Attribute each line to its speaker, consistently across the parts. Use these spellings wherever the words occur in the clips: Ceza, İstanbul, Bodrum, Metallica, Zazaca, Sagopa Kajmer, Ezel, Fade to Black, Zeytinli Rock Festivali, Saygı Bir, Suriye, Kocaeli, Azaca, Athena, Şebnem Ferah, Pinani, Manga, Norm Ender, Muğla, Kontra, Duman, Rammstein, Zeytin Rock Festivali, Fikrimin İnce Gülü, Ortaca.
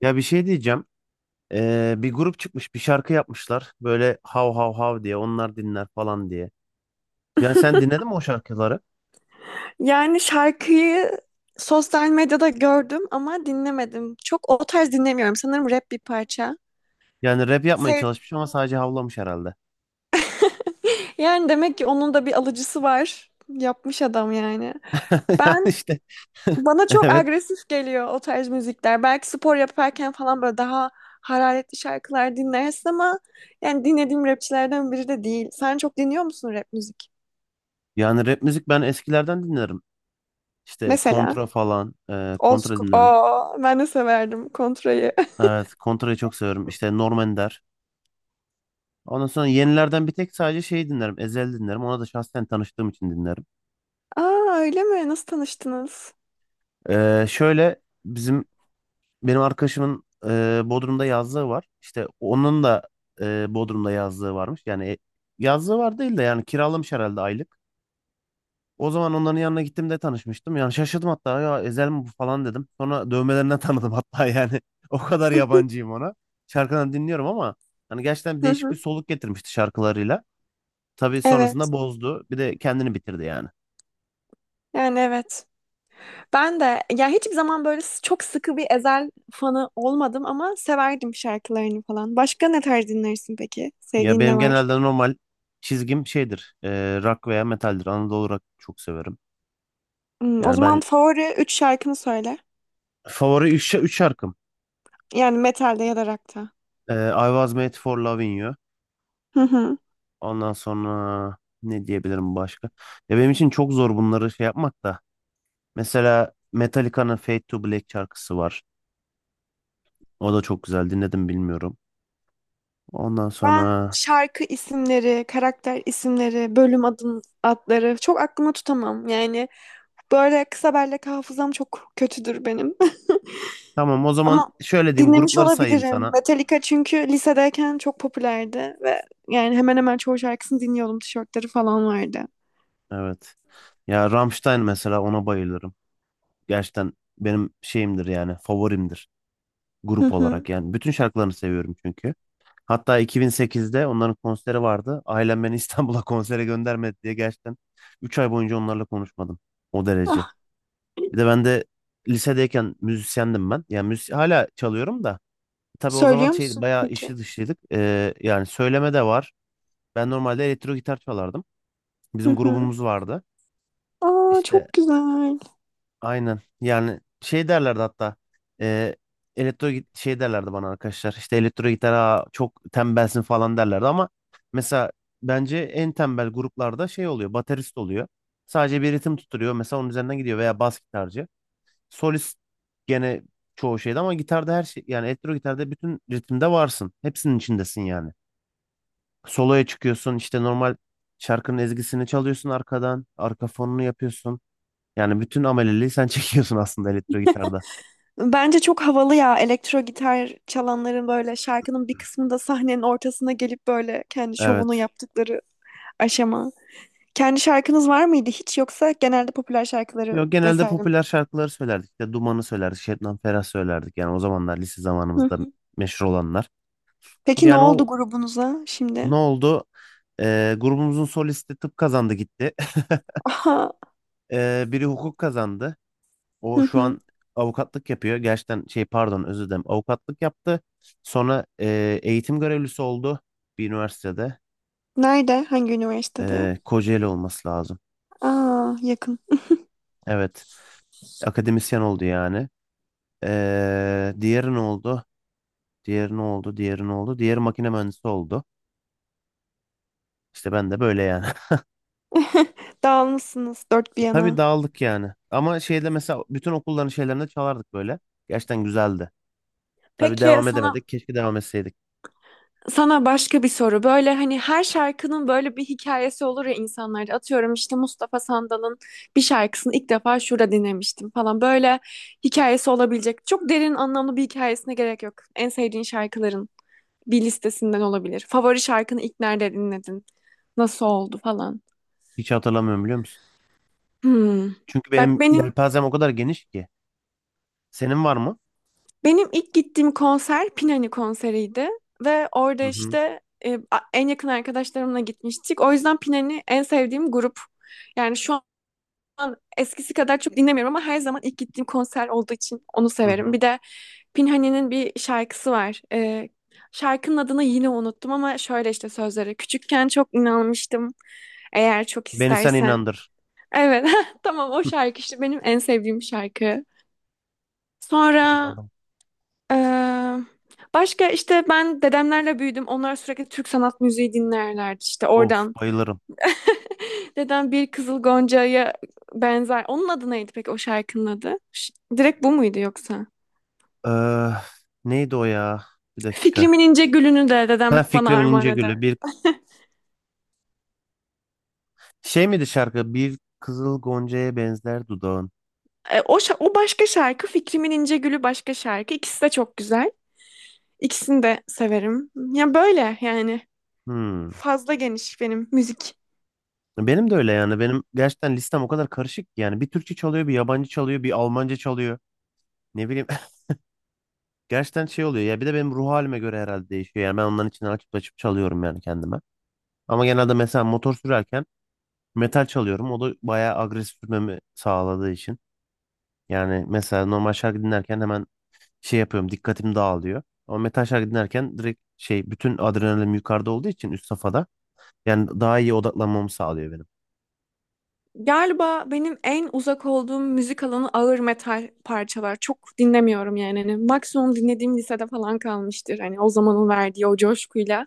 Speaker 1: Ya bir şey diyeceğim. Bir grup çıkmış, bir şarkı yapmışlar. Böyle hav hav hav diye, onlar dinler falan diye. Yani sen dinledin mi o şarkıları?
Speaker 2: Yani şarkıyı sosyal medyada gördüm ama dinlemedim. Çok o tarz dinlemiyorum. Sanırım rap bir parça.
Speaker 1: Yani rap yapmaya
Speaker 2: Sev-
Speaker 1: çalışmış ama sadece havlamış herhalde.
Speaker 2: Yani demek ki onun da bir alıcısı var. Yapmış adam yani.
Speaker 1: Yani
Speaker 2: Ben
Speaker 1: işte.
Speaker 2: bana çok
Speaker 1: Evet.
Speaker 2: agresif geliyor o tarz müzikler. Belki spor yaparken falan böyle daha hararetli şarkılar dinlersin ama yani dinlediğim rapçilerden biri de değil. Sen çok dinliyor musun rap müzik?
Speaker 1: Yani rap müzik ben eskilerden dinlerim. İşte
Speaker 2: Mesela
Speaker 1: Kontra falan,
Speaker 2: Old
Speaker 1: Kontra
Speaker 2: School.
Speaker 1: dinlerim.
Speaker 2: Aa, ben de severdim Kontra'yı.
Speaker 1: Evet, Kontra'yı çok severim. İşte Norm Ender. Ondan sonra yenilerden bir tek sadece şey dinlerim. Ezel dinlerim. Ona da şahsen tanıştığım için dinlerim.
Speaker 2: Aa öyle mi? Nasıl tanıştınız?
Speaker 1: Şöyle benim arkadaşımın, Bodrum'da yazlığı var. İşte onun da, Bodrum'da yazlığı varmış. Yani yazlığı var değil de yani kiralamış herhalde aylık. O zaman onların yanına gittim de tanışmıştım. Yani şaşırdım hatta, ya Ezel mi bu falan dedim. Sonra dövmelerinden tanıdım hatta yani. O kadar yabancıyım ona. Şarkılarını dinliyorum ama hani gerçekten
Speaker 2: Hı
Speaker 1: değişik bir
Speaker 2: hı.
Speaker 1: soluk getirmişti şarkılarıyla. Tabii
Speaker 2: Evet.
Speaker 1: sonrasında bozdu. Bir de kendini bitirdi yani.
Speaker 2: Yani evet. Ben de ya hiçbir zaman böyle s- çok sıkı bir Ezel fanı olmadım ama severdim şarkılarını falan. Başka ne tarz dinlersin peki?
Speaker 1: Ya
Speaker 2: Sevdiğin ne
Speaker 1: benim
Speaker 2: var?
Speaker 1: genelde normal çizgim şeydir. Rock veya metaldir. Anadolu rock çok severim.
Speaker 2: Hmm, o
Speaker 1: Yani
Speaker 2: zaman
Speaker 1: ben.
Speaker 2: favori 3 şarkını söyle.
Speaker 1: Favori üç şarkım.
Speaker 2: Yani metalde ya da rock'ta.
Speaker 1: I Was Made for Loving You.
Speaker 2: Hı hı.
Speaker 1: Ondan sonra ne diyebilirim başka? Ya benim için çok zor bunları şey yapmak da. Mesela Metallica'nın Fade to Black şarkısı var. O da çok güzel. Dinledim bilmiyorum. Ondan
Speaker 2: Ben
Speaker 1: sonra,
Speaker 2: şarkı isimleri, karakter isimleri, bölüm adları çok aklıma tutamam. Yani böyle kısa bellek hafızam çok kötüdür benim.
Speaker 1: tamam o zaman
Speaker 2: Ama
Speaker 1: şöyle diyeyim,
Speaker 2: dinlemiş
Speaker 1: grupları sayayım
Speaker 2: olabilirim.
Speaker 1: sana.
Speaker 2: Metallica çünkü lisedeyken çok popülerdi ve yani hemen hemen çoğu şarkısını dinliyordum. Tişörtleri falan vardı.
Speaker 1: Evet. Ya Rammstein mesela, ona bayılırım. Gerçekten benim şeyimdir yani, favorimdir grup
Speaker 2: Hı hı.
Speaker 1: olarak yani. Bütün şarkılarını seviyorum çünkü. Hatta 2008'de onların konseri vardı. Ailem beni İstanbul'a konsere göndermedi diye gerçekten 3 ay boyunca onlarla konuşmadım. O derece.
Speaker 2: Ah,
Speaker 1: Bir de ben de lisedeyken müzisyendim ben. Yani hala çalıyorum da. Tabii o zaman
Speaker 2: söylüyor
Speaker 1: şey,
Speaker 2: musun
Speaker 1: bayağı
Speaker 2: peki?
Speaker 1: işli dışlıydık. Yani söyleme de var. Ben normalde elektro gitar çalardım.
Speaker 2: Hı
Speaker 1: Bizim
Speaker 2: hı.
Speaker 1: grubumuz vardı.
Speaker 2: Aa
Speaker 1: İşte.
Speaker 2: çok güzel.
Speaker 1: Aynen. Yani şey derlerdi hatta. E, Şey derlerdi bana arkadaşlar. İşte elektro gitar, "Aa, çok tembelsin" falan derlerdi ama mesela bence en tembel gruplarda şey oluyor. Baterist oluyor. Sadece bir ritim tutturuyor. Mesela onun üzerinden gidiyor veya bas gitarcı. Solist gene çoğu şeyde, ama gitarda her şey, yani elektro gitarda bütün ritimde varsın. Hepsinin içindesin yani. Soloya çıkıyorsun, işte normal şarkının ezgisini çalıyorsun arkadan. Arka fonunu yapıyorsun. Yani bütün ameleliği sen çekiyorsun aslında elektro gitarda.
Speaker 2: Bence çok havalı ya, elektro gitar çalanların böyle şarkının bir kısmında sahnenin ortasına gelip böyle kendi şovunu
Speaker 1: Evet.
Speaker 2: yaptıkları aşama. Kendi şarkınız var mıydı hiç, yoksa genelde popüler şarkıları
Speaker 1: Yok, genelde
Speaker 2: vesaire mi?
Speaker 1: popüler şarkıları söylerdik. İşte Duman'ı söylerdik. Şebnem Ferah söylerdik. Yani o zamanlar, lise
Speaker 2: Hı
Speaker 1: zamanımızda
Speaker 2: hı.
Speaker 1: meşhur olanlar.
Speaker 2: Peki ne
Speaker 1: Yani
Speaker 2: oldu
Speaker 1: o,
Speaker 2: grubunuza
Speaker 1: ne
Speaker 2: şimdi?
Speaker 1: oldu? Grubumuzun solisti tıp kazandı gitti.
Speaker 2: Aha.
Speaker 1: Biri hukuk kazandı.
Speaker 2: Hı
Speaker 1: O şu
Speaker 2: hı.
Speaker 1: an avukatlık yapıyor. Gerçekten şey, pardon, özür dilerim. Avukatlık yaptı. Sonra eğitim görevlisi oldu bir üniversitede.
Speaker 2: Nerede? Hangi üniversitede?
Speaker 1: Kocaeli olması lazım.
Speaker 2: Aa, yakın.
Speaker 1: Evet. Akademisyen oldu yani. Diğeri ne oldu? Diğeri ne oldu? Diğeri ne oldu? Diğeri makine mühendisi oldu. İşte ben de böyle yani.
Speaker 2: Dağılmışsınız dört bir
Speaker 1: Tabii
Speaker 2: yana.
Speaker 1: dağıldık yani. Ama şeyde mesela, bütün okulların şeylerinde çalardık böyle. Gerçekten güzeldi. Tabii
Speaker 2: Peki
Speaker 1: devam
Speaker 2: sana
Speaker 1: edemedik. Keşke devam etseydik.
Speaker 2: sana başka bir soru. Böyle hani her şarkının böyle bir hikayesi olur ya insanlarda. Atıyorum, işte Mustafa Sandal'ın bir şarkısını ilk defa şurada dinlemiştim falan. Böyle hikayesi olabilecek. Çok derin anlamlı bir hikayesine gerek yok. En sevdiğin şarkıların bir listesinden olabilir. Favori şarkını ilk nerede dinledin? Nasıl oldu falan.
Speaker 1: Hiç hatırlamıyorum, biliyor musun?
Speaker 2: Hmm.
Speaker 1: Çünkü
Speaker 2: Bak
Speaker 1: benim
Speaker 2: benim
Speaker 1: yelpazem o kadar geniş ki. Senin var mı?
Speaker 2: benim ilk gittiğim konser Pinani konseriydi ve orada
Speaker 1: Hı hı.
Speaker 2: işte a- en yakın arkadaşlarımla gitmiştik. O yüzden Pinani en sevdiğim grup. Yani şu an eskisi kadar çok dinlemiyorum ama her zaman ilk gittiğim konser olduğu için onu
Speaker 1: Hı
Speaker 2: severim.
Speaker 1: hı.
Speaker 2: Bir de Pinhani'nin bir şarkısı var. Şarkının adını yine unuttum ama şöyle işte sözleri. Küçükken çok inanmıştım. Eğer çok
Speaker 1: Beni sen
Speaker 2: istersen.
Speaker 1: inandır.
Speaker 2: Evet, tamam, o şarkı işte benim en sevdiğim şarkı. Sonra
Speaker 1: Anladım.
Speaker 2: Ee, başka işte, ben dedemlerle büyüdüm. Onlar sürekli Türk sanat müziği dinlerlerdi, işte
Speaker 1: Of,
Speaker 2: oradan.
Speaker 1: bayılırım.
Speaker 2: Dedem bir Kızıl Gonca'ya benzer. Onun adı neydi peki, o şarkının adı? Ş- direkt bu muydu yoksa?
Speaker 1: Ee, Neydi o ya? Bir dakika.
Speaker 2: Fikrimin İnce Gülü'nü de
Speaker 1: Ha,
Speaker 2: dedem bana
Speaker 1: Fikrimin
Speaker 2: armağan
Speaker 1: İnce Gülü.
Speaker 2: eder.
Speaker 1: Şey miydi şarkı? Bir kızıl goncaya benzer dudağın.
Speaker 2: E, o, şa- o başka şarkı, Fikrimin İnce Gülü başka şarkı. İkisi de çok güzel. İkisini de severim. Ya böyle yani.
Speaker 1: Hmm.
Speaker 2: Fazla geniş benim müzik.
Speaker 1: Benim de öyle yani. Benim gerçekten listem o kadar karışık ki yani. Bir Türkçe çalıyor, bir yabancı çalıyor, bir Almanca çalıyor. Ne bileyim. Gerçekten şey oluyor ya. Bir de benim ruh halime göre herhalde değişiyor. Yani ben onların içine açıp açıp çalıyorum yani, kendime. Ama genelde mesela motor sürerken metal çalıyorum. O da bayağı agresif sürmemi sağladığı için. Yani mesela normal şarkı dinlerken hemen şey yapıyorum, dikkatim dağılıyor. Ama metal şarkı dinlerken direkt şey, bütün adrenalin yukarıda olduğu için, üst safhada. Yani daha iyi odaklanmamı sağlıyor benim.
Speaker 2: Galiba benim en uzak olduğum müzik alanı ağır metal parçalar. Çok dinlemiyorum yani. Hani maksimum dinlediğim lisede falan kalmıştır. Hani o zamanın verdiği o coşkuyla.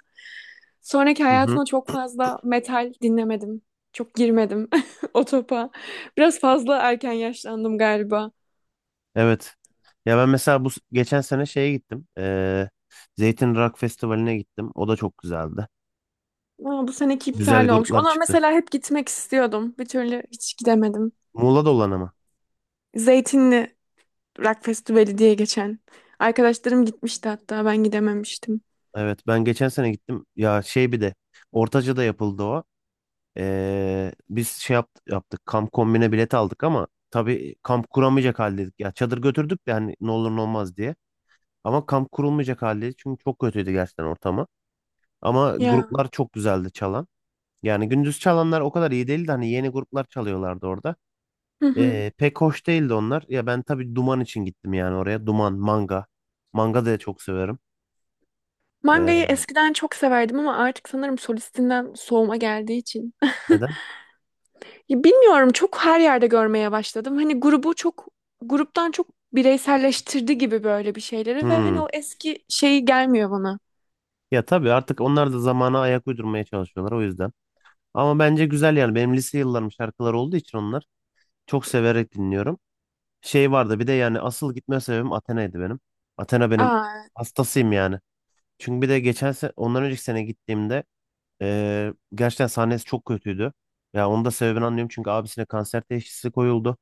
Speaker 2: Sonraki
Speaker 1: Hı hı.
Speaker 2: hayatımda çok fazla metal dinlemedim. Çok girmedim o topa. Biraz fazla erken yaşlandım galiba.
Speaker 1: Evet. Ya ben mesela geçen sene şeye gittim. Zeytin Rock Festivali'ne gittim. O da çok güzeldi.
Speaker 2: Ama bu seneki
Speaker 1: Güzel
Speaker 2: iptal olmuş.
Speaker 1: gruplar
Speaker 2: Ona
Speaker 1: çıktı.
Speaker 2: mesela hep gitmek istiyordum. Bir türlü hiç gidemedim.
Speaker 1: Muğla'da olan ama.
Speaker 2: Zeytinli Rock Festivali diye geçen. Arkadaşlarım gitmişti hatta, ben gidememiştim.
Speaker 1: Evet, ben geçen sene gittim. Ya şey, bir de Ortaca'da yapıldı o. Biz şey yaptık. Kamp kombine bilet aldık ama tabii kamp kuramayacak haldeydik. Ya çadır götürdük de, hani ne olur ne olmaz diye. Ama kamp kurulmayacak haldeydik. Çünkü çok kötüydü gerçekten ortamı. Ama
Speaker 2: Ya.
Speaker 1: gruplar çok güzeldi çalan. Yani gündüz çalanlar o kadar iyi değildi. Hani yeni gruplar çalıyorlardı orada. Pek hoş değildi onlar. Ya ben tabii Duman için gittim yani oraya. Duman, Manga. Manga da çok severim.
Speaker 2: Mangayı
Speaker 1: Ee,
Speaker 2: eskiden çok severdim ama artık sanırım solistinden soğuma geldiği için.
Speaker 1: Neden?
Speaker 2: Ya bilmiyorum, çok her yerde görmeye başladım. Hani grubu çok, gruptan çok, bireyselleştirdi gibi böyle bir şeyleri ve
Speaker 1: Hmm.
Speaker 2: hani o eski şeyi gelmiyor bana.
Speaker 1: Ya tabii artık onlar da zamana ayak uydurmaya çalışıyorlar, o yüzden. Ama bence güzel yani. Benim lise yıllarım şarkıları olduğu için onlar çok severek dinliyorum. Şey vardı bir de, yani asıl gitme sebebim Athena'ydı benim. Athena, benim
Speaker 2: Aa,
Speaker 1: hastasıyım yani. Çünkü bir de geçen sene, ondan önceki sene gittiğimde gerçekten sahnesi çok kötüydü. Ya onun da sebebini anlıyorum çünkü abisine kanser teşhisi koyuldu.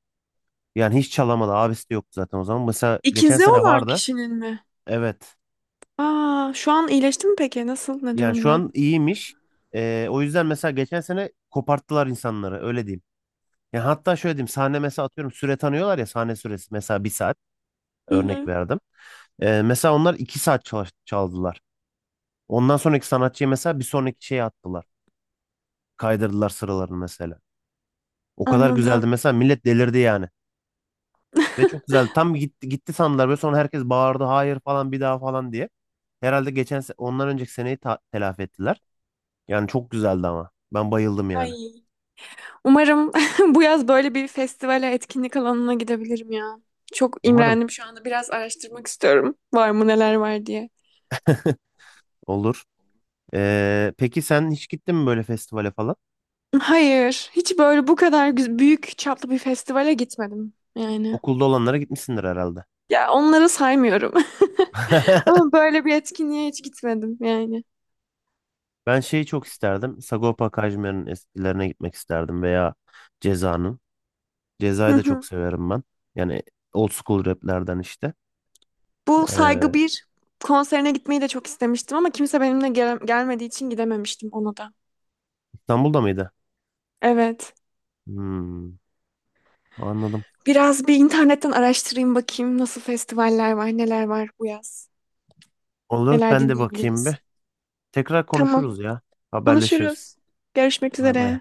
Speaker 1: Yani hiç çalamadı. Abisi de yoktu zaten o zaman. Mesela geçen
Speaker 2: ikizi
Speaker 1: sene
Speaker 2: olan
Speaker 1: vardı.
Speaker 2: kişinin mi?
Speaker 1: Evet.
Speaker 2: Aa, şu an iyileşti mi peki? Nasıl? Ne
Speaker 1: Yani şu
Speaker 2: durumda?
Speaker 1: an iyiymiş. O yüzden mesela geçen sene koparttılar insanları, öyle diyeyim. Yani hatta şöyle diyeyim, sahne mesela atıyorum süre tanıyorlar ya, sahne süresi mesela bir saat,
Speaker 2: Hı
Speaker 1: örnek
Speaker 2: hı.
Speaker 1: verdim. Mesela onlar 2 saat çaldılar. Ondan sonraki sanatçıyı mesela bir sonraki şeye attılar. Kaydırdılar sıralarını mesela. O kadar güzeldi
Speaker 2: Anladım.
Speaker 1: mesela, millet delirdi yani. Ve çok güzeldi. Tam gitti, gitti sandılar. Ve sonra herkes bağırdı, "Hayır falan, bir daha" falan diye. Herhalde ondan önceki seneyi telafi ettiler. Yani çok güzeldi ama. Ben bayıldım yani.
Speaker 2: Ay. Umarım bu yaz böyle bir festivale, etkinlik alanına gidebilirim ya. Çok
Speaker 1: Umarım
Speaker 2: imrendim şu anda. Biraz araştırmak istiyorum. Var mı, neler var diye.
Speaker 1: olur. Peki sen hiç gittin mi böyle festivale falan?
Speaker 2: Hayır, hiç böyle bu kadar güz- büyük çaplı bir festivale gitmedim yani.
Speaker 1: Okulda olanlara gitmişsindir herhalde.
Speaker 2: Ya onları saymıyorum. Ama böyle bir etkinliğe hiç gitmedim yani.
Speaker 1: Ben şeyi çok isterdim. Sagopa Kajmer'in eskilerine gitmek isterdim, veya Ceza'nın.
Speaker 2: Hı
Speaker 1: Ceza'yı da çok
Speaker 2: hı.
Speaker 1: severim ben. Yani old school raplerden işte.
Speaker 2: Bu
Speaker 1: Ee,
Speaker 2: Saygı Bir konserine gitmeyi de çok istemiştim ama kimse benimle gel- gelmediği için gidememiştim ona da.
Speaker 1: İstanbul'da mıydı?
Speaker 2: Evet.
Speaker 1: Hmm, anladım.
Speaker 2: Biraz bir internetten araştırayım, bakayım nasıl festivaller var, neler var bu yaz.
Speaker 1: Olur,
Speaker 2: Neler
Speaker 1: ben de bakayım
Speaker 2: dinleyebiliriz?
Speaker 1: bir. Tekrar
Speaker 2: Tamam.
Speaker 1: konuşuruz ya. Haberleşiriz.
Speaker 2: Konuşuruz. Görüşmek
Speaker 1: Bay bay.
Speaker 2: üzere.